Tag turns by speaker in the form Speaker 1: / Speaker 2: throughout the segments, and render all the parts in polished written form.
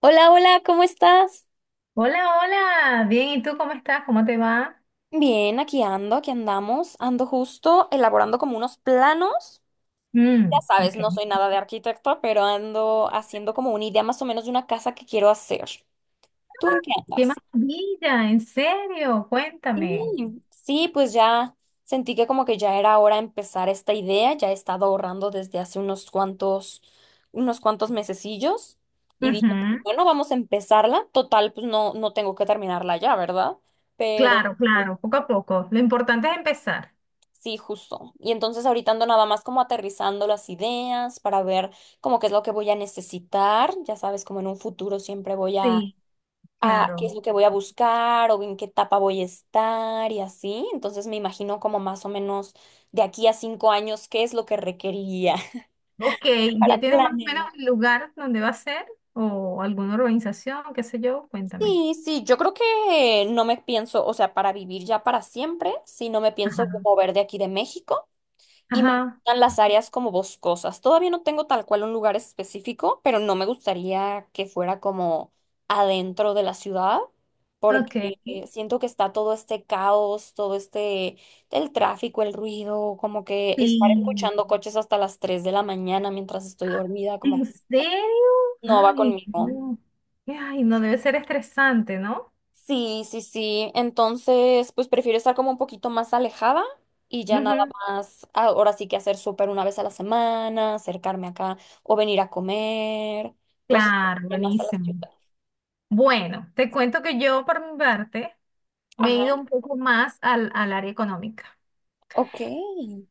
Speaker 1: Hola, hola, ¿cómo estás?
Speaker 2: Hola, hola, bien, ¿y tú cómo estás? ¿Cómo te va?
Speaker 1: Bien, aquí ando, aquí andamos, ando justo elaborando como unos planos. Ya
Speaker 2: Mm,
Speaker 1: sabes, no
Speaker 2: ok.
Speaker 1: soy nada de arquitecto, pero ando haciendo como una idea más o menos de una casa que quiero hacer. ¿Tú en qué
Speaker 2: Qué
Speaker 1: andas?
Speaker 2: maravilla, en serio, cuéntame.
Speaker 1: Sí, sí, pues ya sentí que como que ya era hora de empezar esta idea, ya he estado ahorrando desde hace unos cuantos, mesecillos y dije,
Speaker 2: Ujú.
Speaker 1: bueno, vamos a empezarla. Total, pues no, no tengo que terminarla ya, ¿verdad? Pero...
Speaker 2: Claro, claro, poco a poco. Lo importante es empezar.
Speaker 1: Sí, justo. Y entonces ahorita ando nada más como aterrizando las ideas para ver como qué es lo que voy a necesitar. Ya sabes, como en un futuro siempre voy a,
Speaker 2: Sí,
Speaker 1: a qué es
Speaker 2: claro.
Speaker 1: lo que voy a buscar o en qué etapa voy a estar y así. Entonces me imagino como más o menos de aquí a 5 años qué es lo que requeriría
Speaker 2: Ok,
Speaker 1: para
Speaker 2: ¿ya tienes más o menos
Speaker 1: planear.
Speaker 2: el lugar donde va a ser? ¿O alguna organización, qué sé yo? Cuéntame.
Speaker 1: Sí, sí, yo creo que no me pienso, o sea, para vivir ya para siempre, sí, no me
Speaker 2: Ajá.
Speaker 1: pienso mover de aquí de México. Y me
Speaker 2: Ajá,
Speaker 1: gustan las áreas como boscosas. Todavía no tengo tal cual un lugar específico, pero no me gustaría que fuera como adentro de la ciudad,
Speaker 2: ok.
Speaker 1: porque siento que está todo este caos, todo este, el tráfico, el ruido, como que estar
Speaker 2: Sí.
Speaker 1: escuchando coches hasta las 3 de la mañana mientras estoy dormida, como
Speaker 2: ¿En
Speaker 1: que
Speaker 2: serio?
Speaker 1: no va
Speaker 2: Ay,
Speaker 1: conmigo.
Speaker 2: no. Ay, no debe ser estresante, ¿no?
Speaker 1: Sí, sí, sí. Entonces, pues prefiero estar como un poquito más alejada y ya nada
Speaker 2: Ujú.
Speaker 1: más, ahora sí que hacer súper una vez a la semana, acercarme acá o venir a comer, cosas que
Speaker 2: Claro,
Speaker 1: vayan más a la
Speaker 2: buenísimo.
Speaker 1: ciudad.
Speaker 2: Bueno, te cuento que yo, por mi parte, me he
Speaker 1: Ajá,
Speaker 2: ido un poco más al área económica.
Speaker 1: ok,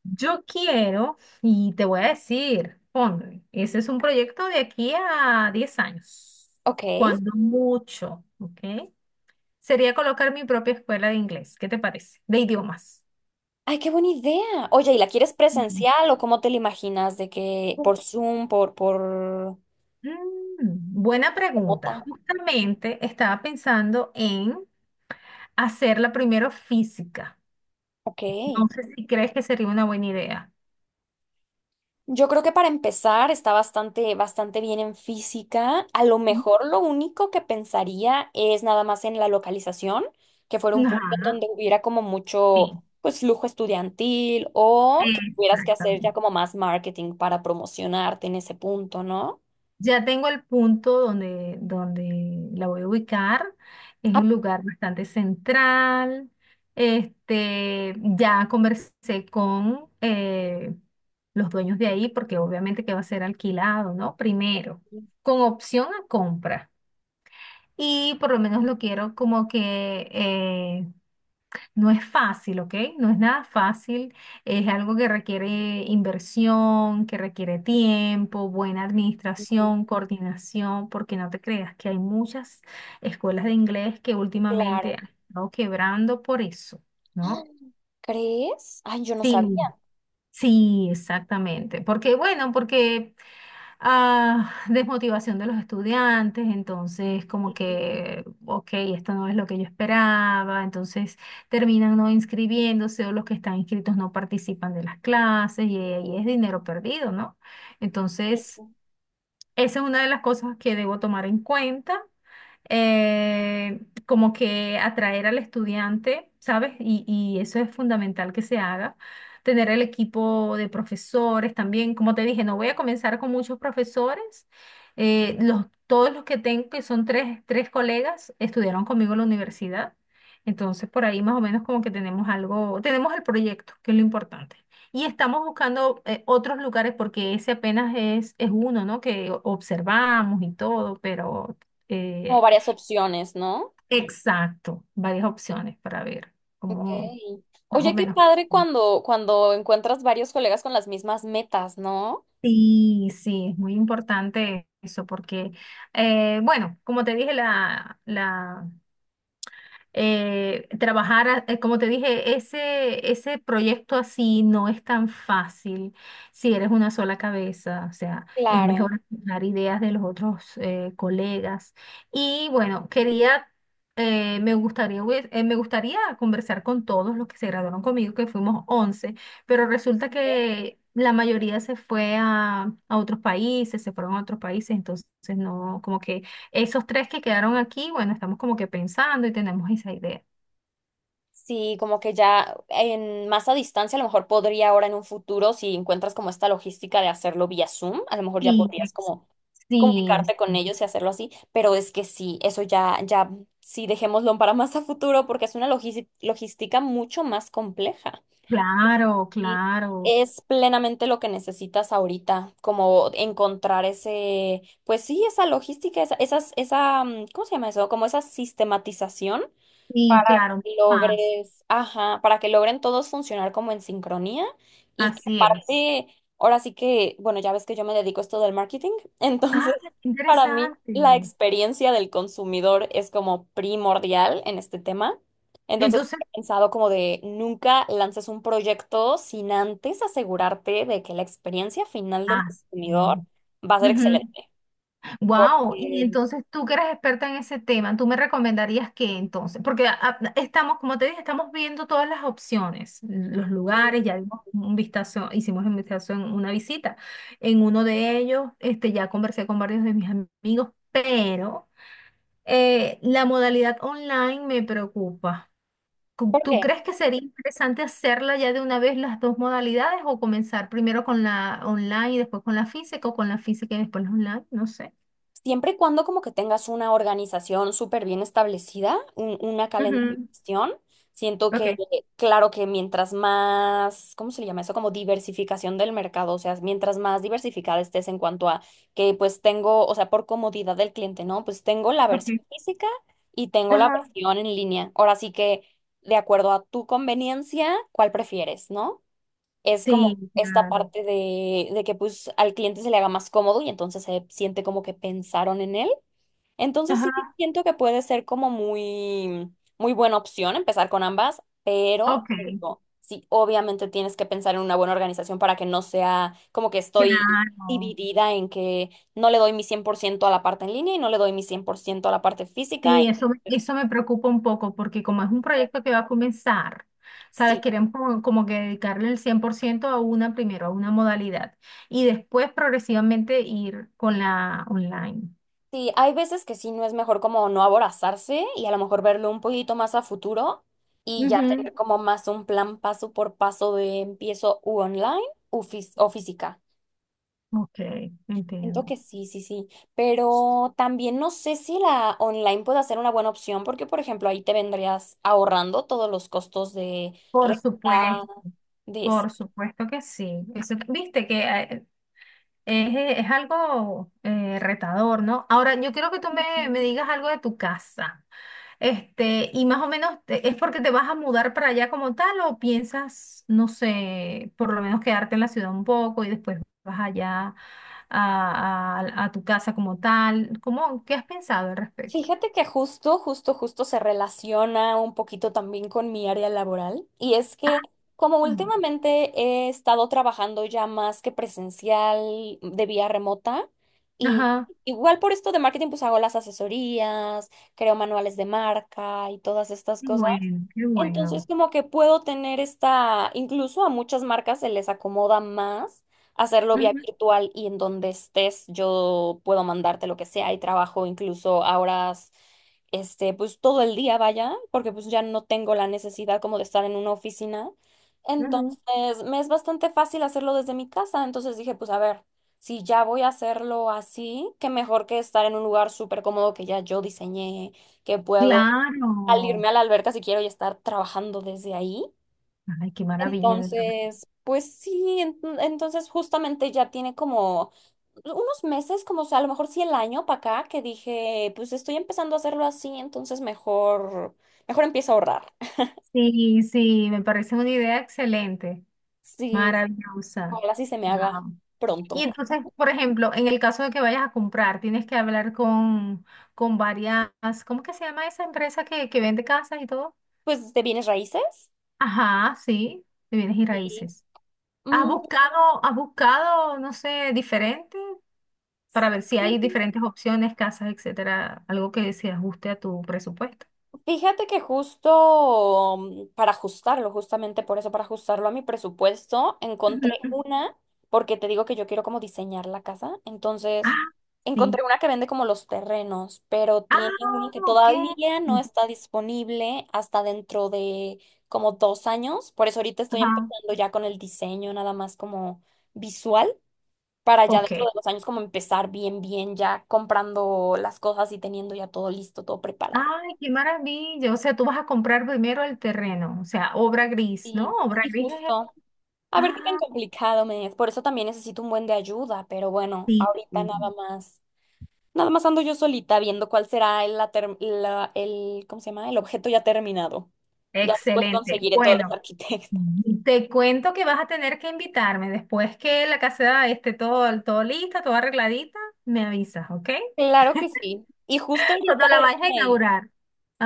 Speaker 2: Yo quiero, y te voy a decir, ponle, ese es un proyecto de aquí a 10 años,
Speaker 1: ok.
Speaker 2: cuando mucho, ¿ok? Sería colocar mi propia escuela de inglés. ¿Qué te parece? De idiomas.
Speaker 1: Ay, qué buena idea. Oye, ¿y la quieres
Speaker 2: Ujú.
Speaker 1: presencial o cómo te la imaginas? De que
Speaker 2: Ju-
Speaker 1: por Zoom, por
Speaker 2: Mm, buena pregunta.
Speaker 1: remota.
Speaker 2: Justamente estaba pensando en hacerla primero física.
Speaker 1: Ok.
Speaker 2: No sé si crees que sería una buena idea.
Speaker 1: Yo creo que para empezar está bastante, bastante bien en física. A lo mejor lo único que pensaría es nada más en la localización, que fuera un punto
Speaker 2: Ajá,
Speaker 1: donde hubiera como mucho,
Speaker 2: sí,
Speaker 1: pues, lujo estudiantil o que tuvieras que hacer ya
Speaker 2: exactamente.
Speaker 1: como más marketing para promocionarte en ese punto, ¿no?
Speaker 2: Ya tengo el punto donde la voy a ubicar. Es
Speaker 1: Ah,
Speaker 2: un lugar bastante central. Este, ya conversé con los dueños de ahí, porque obviamente que va a ser alquilado, ¿no? Primero,
Speaker 1: sí,
Speaker 2: con opción a compra. Y por lo menos lo quiero como que No es fácil, ¿ok? No es nada fácil. Es algo que requiere inversión, que requiere tiempo, buena
Speaker 1: sí, sí.
Speaker 2: administración, coordinación, porque no te creas que hay muchas escuelas de inglés que últimamente
Speaker 1: Claro.
Speaker 2: han estado quebrando por eso,
Speaker 1: Ah,
Speaker 2: ¿no?
Speaker 1: ¿crees? Ay, yo no sabía.
Speaker 2: Sí, sí, exactamente. Porque, bueno, porque desmotivación de los estudiantes, entonces como
Speaker 1: Sí,
Speaker 2: que, ok, esto no es lo que yo esperaba, entonces terminan no inscribiéndose o los que están inscritos no participan de las clases y ahí es dinero perdido, ¿no?
Speaker 1: sí,
Speaker 2: Entonces...
Speaker 1: sí.
Speaker 2: Esa es una de las cosas que debo tomar en cuenta, eh, como que atraer al estudiante, ¿sabes? Y eso es fundamental que se haga. Tener el equipo de profesores también. Como te dije, no voy a comenzar con muchos profesores. Los, todos los que tengo, que son tres colegas, estudiaron conmigo en la universidad. Entonces, por ahí más o menos como que tenemos algo, tenemos el proyecto, que es lo importante. Y estamos buscando otros lugares porque ese apenas es uno, ¿no? Que observamos y todo, pero
Speaker 1: Como
Speaker 2: eh,
Speaker 1: varias opciones, ¿no?
Speaker 2: exacto, varias opciones para ver
Speaker 1: Ok.
Speaker 2: cómo más o
Speaker 1: Oye, qué
Speaker 2: menos.
Speaker 1: padre cuando encuentras varios colegas con las mismas metas, ¿no?
Speaker 2: Sí, sí, es muy importante eso porque, bueno, como te dije, como te dije, ese proyecto así no es tan fácil si eres una sola cabeza, o sea, es
Speaker 1: Claro.
Speaker 2: mejor dar ideas de los otros colegas. Y bueno, quería, me gustaría, me gustaría conversar con todos los que se graduaron conmigo, que fuimos 11 pero resulta
Speaker 1: ¿Eh?
Speaker 2: que la mayoría se fue a otros países, se fueron a otros países, entonces no, como que esos tres que quedaron aquí, bueno, estamos como que pensando y tenemos esa idea.
Speaker 1: Sí, como que ya en más a distancia, a lo mejor podría ahora en un futuro, si encuentras como esta logística de hacerlo vía Zoom, a lo mejor ya
Speaker 2: Sí,
Speaker 1: podrías como
Speaker 2: sí,
Speaker 1: comunicarte con
Speaker 2: sí.
Speaker 1: ellos y hacerlo así, pero es que sí, eso ya, ya, sí, dejémoslo para más a futuro porque es una logística mucho más compleja.
Speaker 2: Claro,
Speaker 1: Y
Speaker 2: claro.
Speaker 1: es plenamente lo que necesitas ahorita, como encontrar ese, pues sí, esa logística, esa, esas, esa, mm, ¿cómo se llama eso? Como esa sistematización
Speaker 2: Sí,
Speaker 1: para
Speaker 2: claro, no
Speaker 1: que
Speaker 2: más.
Speaker 1: logres, ajá, para que logren todos funcionar como en sincronía y que
Speaker 2: Así es.
Speaker 1: aparte, ahora sí que, bueno, ya ves que yo me dedico a esto del marketing,
Speaker 2: Ah,
Speaker 1: entonces
Speaker 2: qué
Speaker 1: para mí la
Speaker 2: interesante.
Speaker 1: experiencia del consumidor es como primordial en este tema. Entonces
Speaker 2: Entonces,
Speaker 1: he pensado como de nunca lances un proyecto sin antes asegurarte de que la experiencia final del
Speaker 2: ah, sí.
Speaker 1: consumidor va a ser
Speaker 2: Ujú.
Speaker 1: excelente.
Speaker 2: Wow, y
Speaker 1: Porque,
Speaker 2: entonces tú que eres experta en ese tema, ¿tú me recomendarías qué entonces? Porque estamos, como te dije, estamos viendo todas las opciones, los
Speaker 1: sí.
Speaker 2: lugares, ya dimos un vistazo, hicimos un vistazo en una visita. En uno de ellos, este, ya conversé con varios de mis amigos, pero la modalidad online me preocupa. ¿Tú
Speaker 1: ¿Por
Speaker 2: tú
Speaker 1: qué?
Speaker 2: crees que sería interesante hacerla ya de una vez las dos modalidades o comenzar primero con la online y después con la física o con la física y después la online? No sé.
Speaker 1: Siempre y cuando como que tengas una organización súper bien establecida, una
Speaker 2: Ujú.
Speaker 1: calendarización, siento que,
Speaker 2: Ok,
Speaker 1: claro que mientras más, ¿cómo se le llama eso? Como diversificación del mercado, o sea, mientras más diversificada estés en cuanto a que pues tengo, o sea, por comodidad del cliente, ¿no? Pues tengo la versión
Speaker 2: ok.
Speaker 1: física y tengo la
Speaker 2: Ajá.
Speaker 1: versión en línea. Ahora sí que, de acuerdo a tu conveniencia, ¿cuál prefieres, no? Es como
Speaker 2: Sí,
Speaker 1: esta
Speaker 2: claro.
Speaker 1: parte de que pues al cliente se le haga más cómodo y entonces se siente como que pensaron en él. Entonces
Speaker 2: Ajá.
Speaker 1: sí siento que puede ser como muy, muy buena opción empezar con ambas, pero
Speaker 2: Ok,
Speaker 1: te digo, sí, obviamente tienes que pensar en una buena organización para que no sea como que estoy
Speaker 2: claro.
Speaker 1: dividida en que no le doy mi 100% a la parte en línea y no le doy mi 100% a la parte física.
Speaker 2: Sí,
Speaker 1: Entonces,
Speaker 2: eso me preocupa un poco porque como es un proyecto que va a comenzar, ¿sabes?
Speaker 1: sí,
Speaker 2: Queremos como que dedicarle el 100% a una primero, a una modalidad, y después progresivamente ir con la online.
Speaker 1: sí, hay veces que sí no es mejor como no aborazarse y a lo mejor verlo un poquito más a futuro y ya
Speaker 2: Ujú.
Speaker 1: tener como más un plan paso por paso de empiezo u online o física.
Speaker 2: Ok,
Speaker 1: Siento
Speaker 2: entiendo.
Speaker 1: que sí, sí, sí, pero también no sé si la online puede ser una buena opción porque, por ejemplo, ahí te vendrías ahorrando todos los costos de
Speaker 2: Por
Speaker 1: renta,
Speaker 2: supuesto,
Speaker 1: de...
Speaker 2: por supuesto que sí. Viste que es algo retador, ¿no? Ahora, yo quiero que tú me
Speaker 1: Ujú.
Speaker 2: digas algo de tu casa. Este, y más o menos, ¿es porque te vas a mudar para allá como tal o piensas, no sé, por lo menos quedarte en la ciudad un poco y después vas allá a, a tu casa como tal? ¿Cómo, qué has pensado al respecto?
Speaker 1: Fíjate que justo, justo, justo se relaciona un poquito también con mi área laboral y es que como
Speaker 2: Mm.
Speaker 1: últimamente he estado trabajando ya más que presencial de vía remota y
Speaker 2: Ajá.
Speaker 1: igual por esto de marketing pues hago las asesorías, creo manuales de marca y todas estas
Speaker 2: Qué
Speaker 1: cosas.
Speaker 2: bueno, qué
Speaker 1: Entonces,
Speaker 2: bueno.
Speaker 1: como que puedo tener esta, incluso a muchas marcas se les acomoda más hacerlo vía
Speaker 2: Ujú,
Speaker 1: virtual y en donde estés yo puedo mandarte lo que sea y trabajo incluso a horas, este, pues todo el día vaya, porque pues ya no tengo la necesidad como de estar en una oficina.
Speaker 2: ujú.
Speaker 1: Entonces, me es bastante fácil hacerlo desde mi casa. Entonces dije, pues a ver, si ya voy a hacerlo así, qué mejor que estar en un lugar súper cómodo que ya yo diseñé que puedo al irme
Speaker 2: Claro.
Speaker 1: a la alberca si quiero y estar trabajando desde ahí.
Speaker 2: Ay, qué maravilla.
Speaker 1: Entonces, pues sí, entonces justamente ya tiene como unos meses, como o sea, a lo mejor sí el año para acá, que dije, pues estoy empezando a hacerlo así, entonces mejor, mejor empiezo a ahorrar.
Speaker 2: Sí, sí, me parece una idea excelente,
Speaker 1: Sí,
Speaker 2: maravillosa.
Speaker 1: ojalá sí se me haga
Speaker 2: Wow. Y
Speaker 1: pronto.
Speaker 2: entonces, por ejemplo, en el caso de que vayas a comprar, tienes que hablar con varias, ¿cómo que se llama esa empresa que vende casas y todo?
Speaker 1: Pues de bienes raíces.
Speaker 2: Ajá, sí, de bienes y
Speaker 1: Sí.
Speaker 2: raíces. ¿Has
Speaker 1: Mm,
Speaker 2: buscado, has buscado, no sé, diferente para ver si hay diferentes opciones, casas, etcétera, algo que se ajuste a tu presupuesto?
Speaker 1: Fíjate que justo para ajustarlo, justamente por eso, para ajustarlo a mi presupuesto, encontré
Speaker 2: Ujú.
Speaker 1: una, porque te digo que yo quiero como diseñar la casa, entonces
Speaker 2: Ah, sí.
Speaker 1: encontré una que vende como los terrenos, pero tiene una
Speaker 2: Ah,
Speaker 1: que
Speaker 2: ok.
Speaker 1: todavía no está disponible hasta dentro de como 2 años, por eso ahorita estoy
Speaker 2: Ajá.
Speaker 1: empezando ya con el diseño, nada más como visual, para ya dentro
Speaker 2: Ok.
Speaker 1: de 2 años como empezar bien, bien, ya comprando las cosas y teniendo ya todo listo, todo preparado.
Speaker 2: Ay, qué maravilla. O sea, tú vas a comprar primero el terreno, o sea, obra gris, ¿no?
Speaker 1: Y,
Speaker 2: Obra
Speaker 1: y
Speaker 2: gris es...
Speaker 1: justo, a ver qué tan
Speaker 2: Ah,
Speaker 1: complicado me es. Por eso también necesito un buen de ayuda, pero bueno,
Speaker 2: sí.
Speaker 1: ahorita
Speaker 2: Sí.
Speaker 1: nada más, nada más ando yo solita viendo cuál será el, la ter- la- el, ¿cómo se llama? El objeto ya terminado. Ya después
Speaker 2: Excelente.
Speaker 1: conseguiré todos los
Speaker 2: Bueno,
Speaker 1: arquitectos.
Speaker 2: te cuento que vas a tener que invitarme después que la caseta esté todo lista, toda arregladita, me avisas, ¿ok?
Speaker 1: Claro que sí. Y justo ahorita
Speaker 2: Cuando la vayas a
Speaker 1: déjame.
Speaker 2: inaugurar.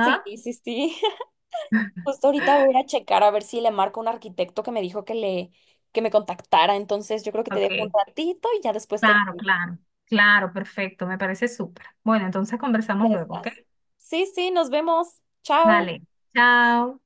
Speaker 1: Sí, sí, sí. Justo ahorita voy a ir a checar a ver si le marco a un arquitecto que me dijo que me contactara. Entonces yo creo que te dejo un
Speaker 2: Ok.
Speaker 1: ratito y ya después te
Speaker 2: Claro, claro. Claro, perfecto. Me parece súper. Bueno, entonces
Speaker 1: ya
Speaker 2: conversamos luego, ¿ok?
Speaker 1: estás. Sí, sí, nos vemos. Chao.
Speaker 2: Dale. Chao.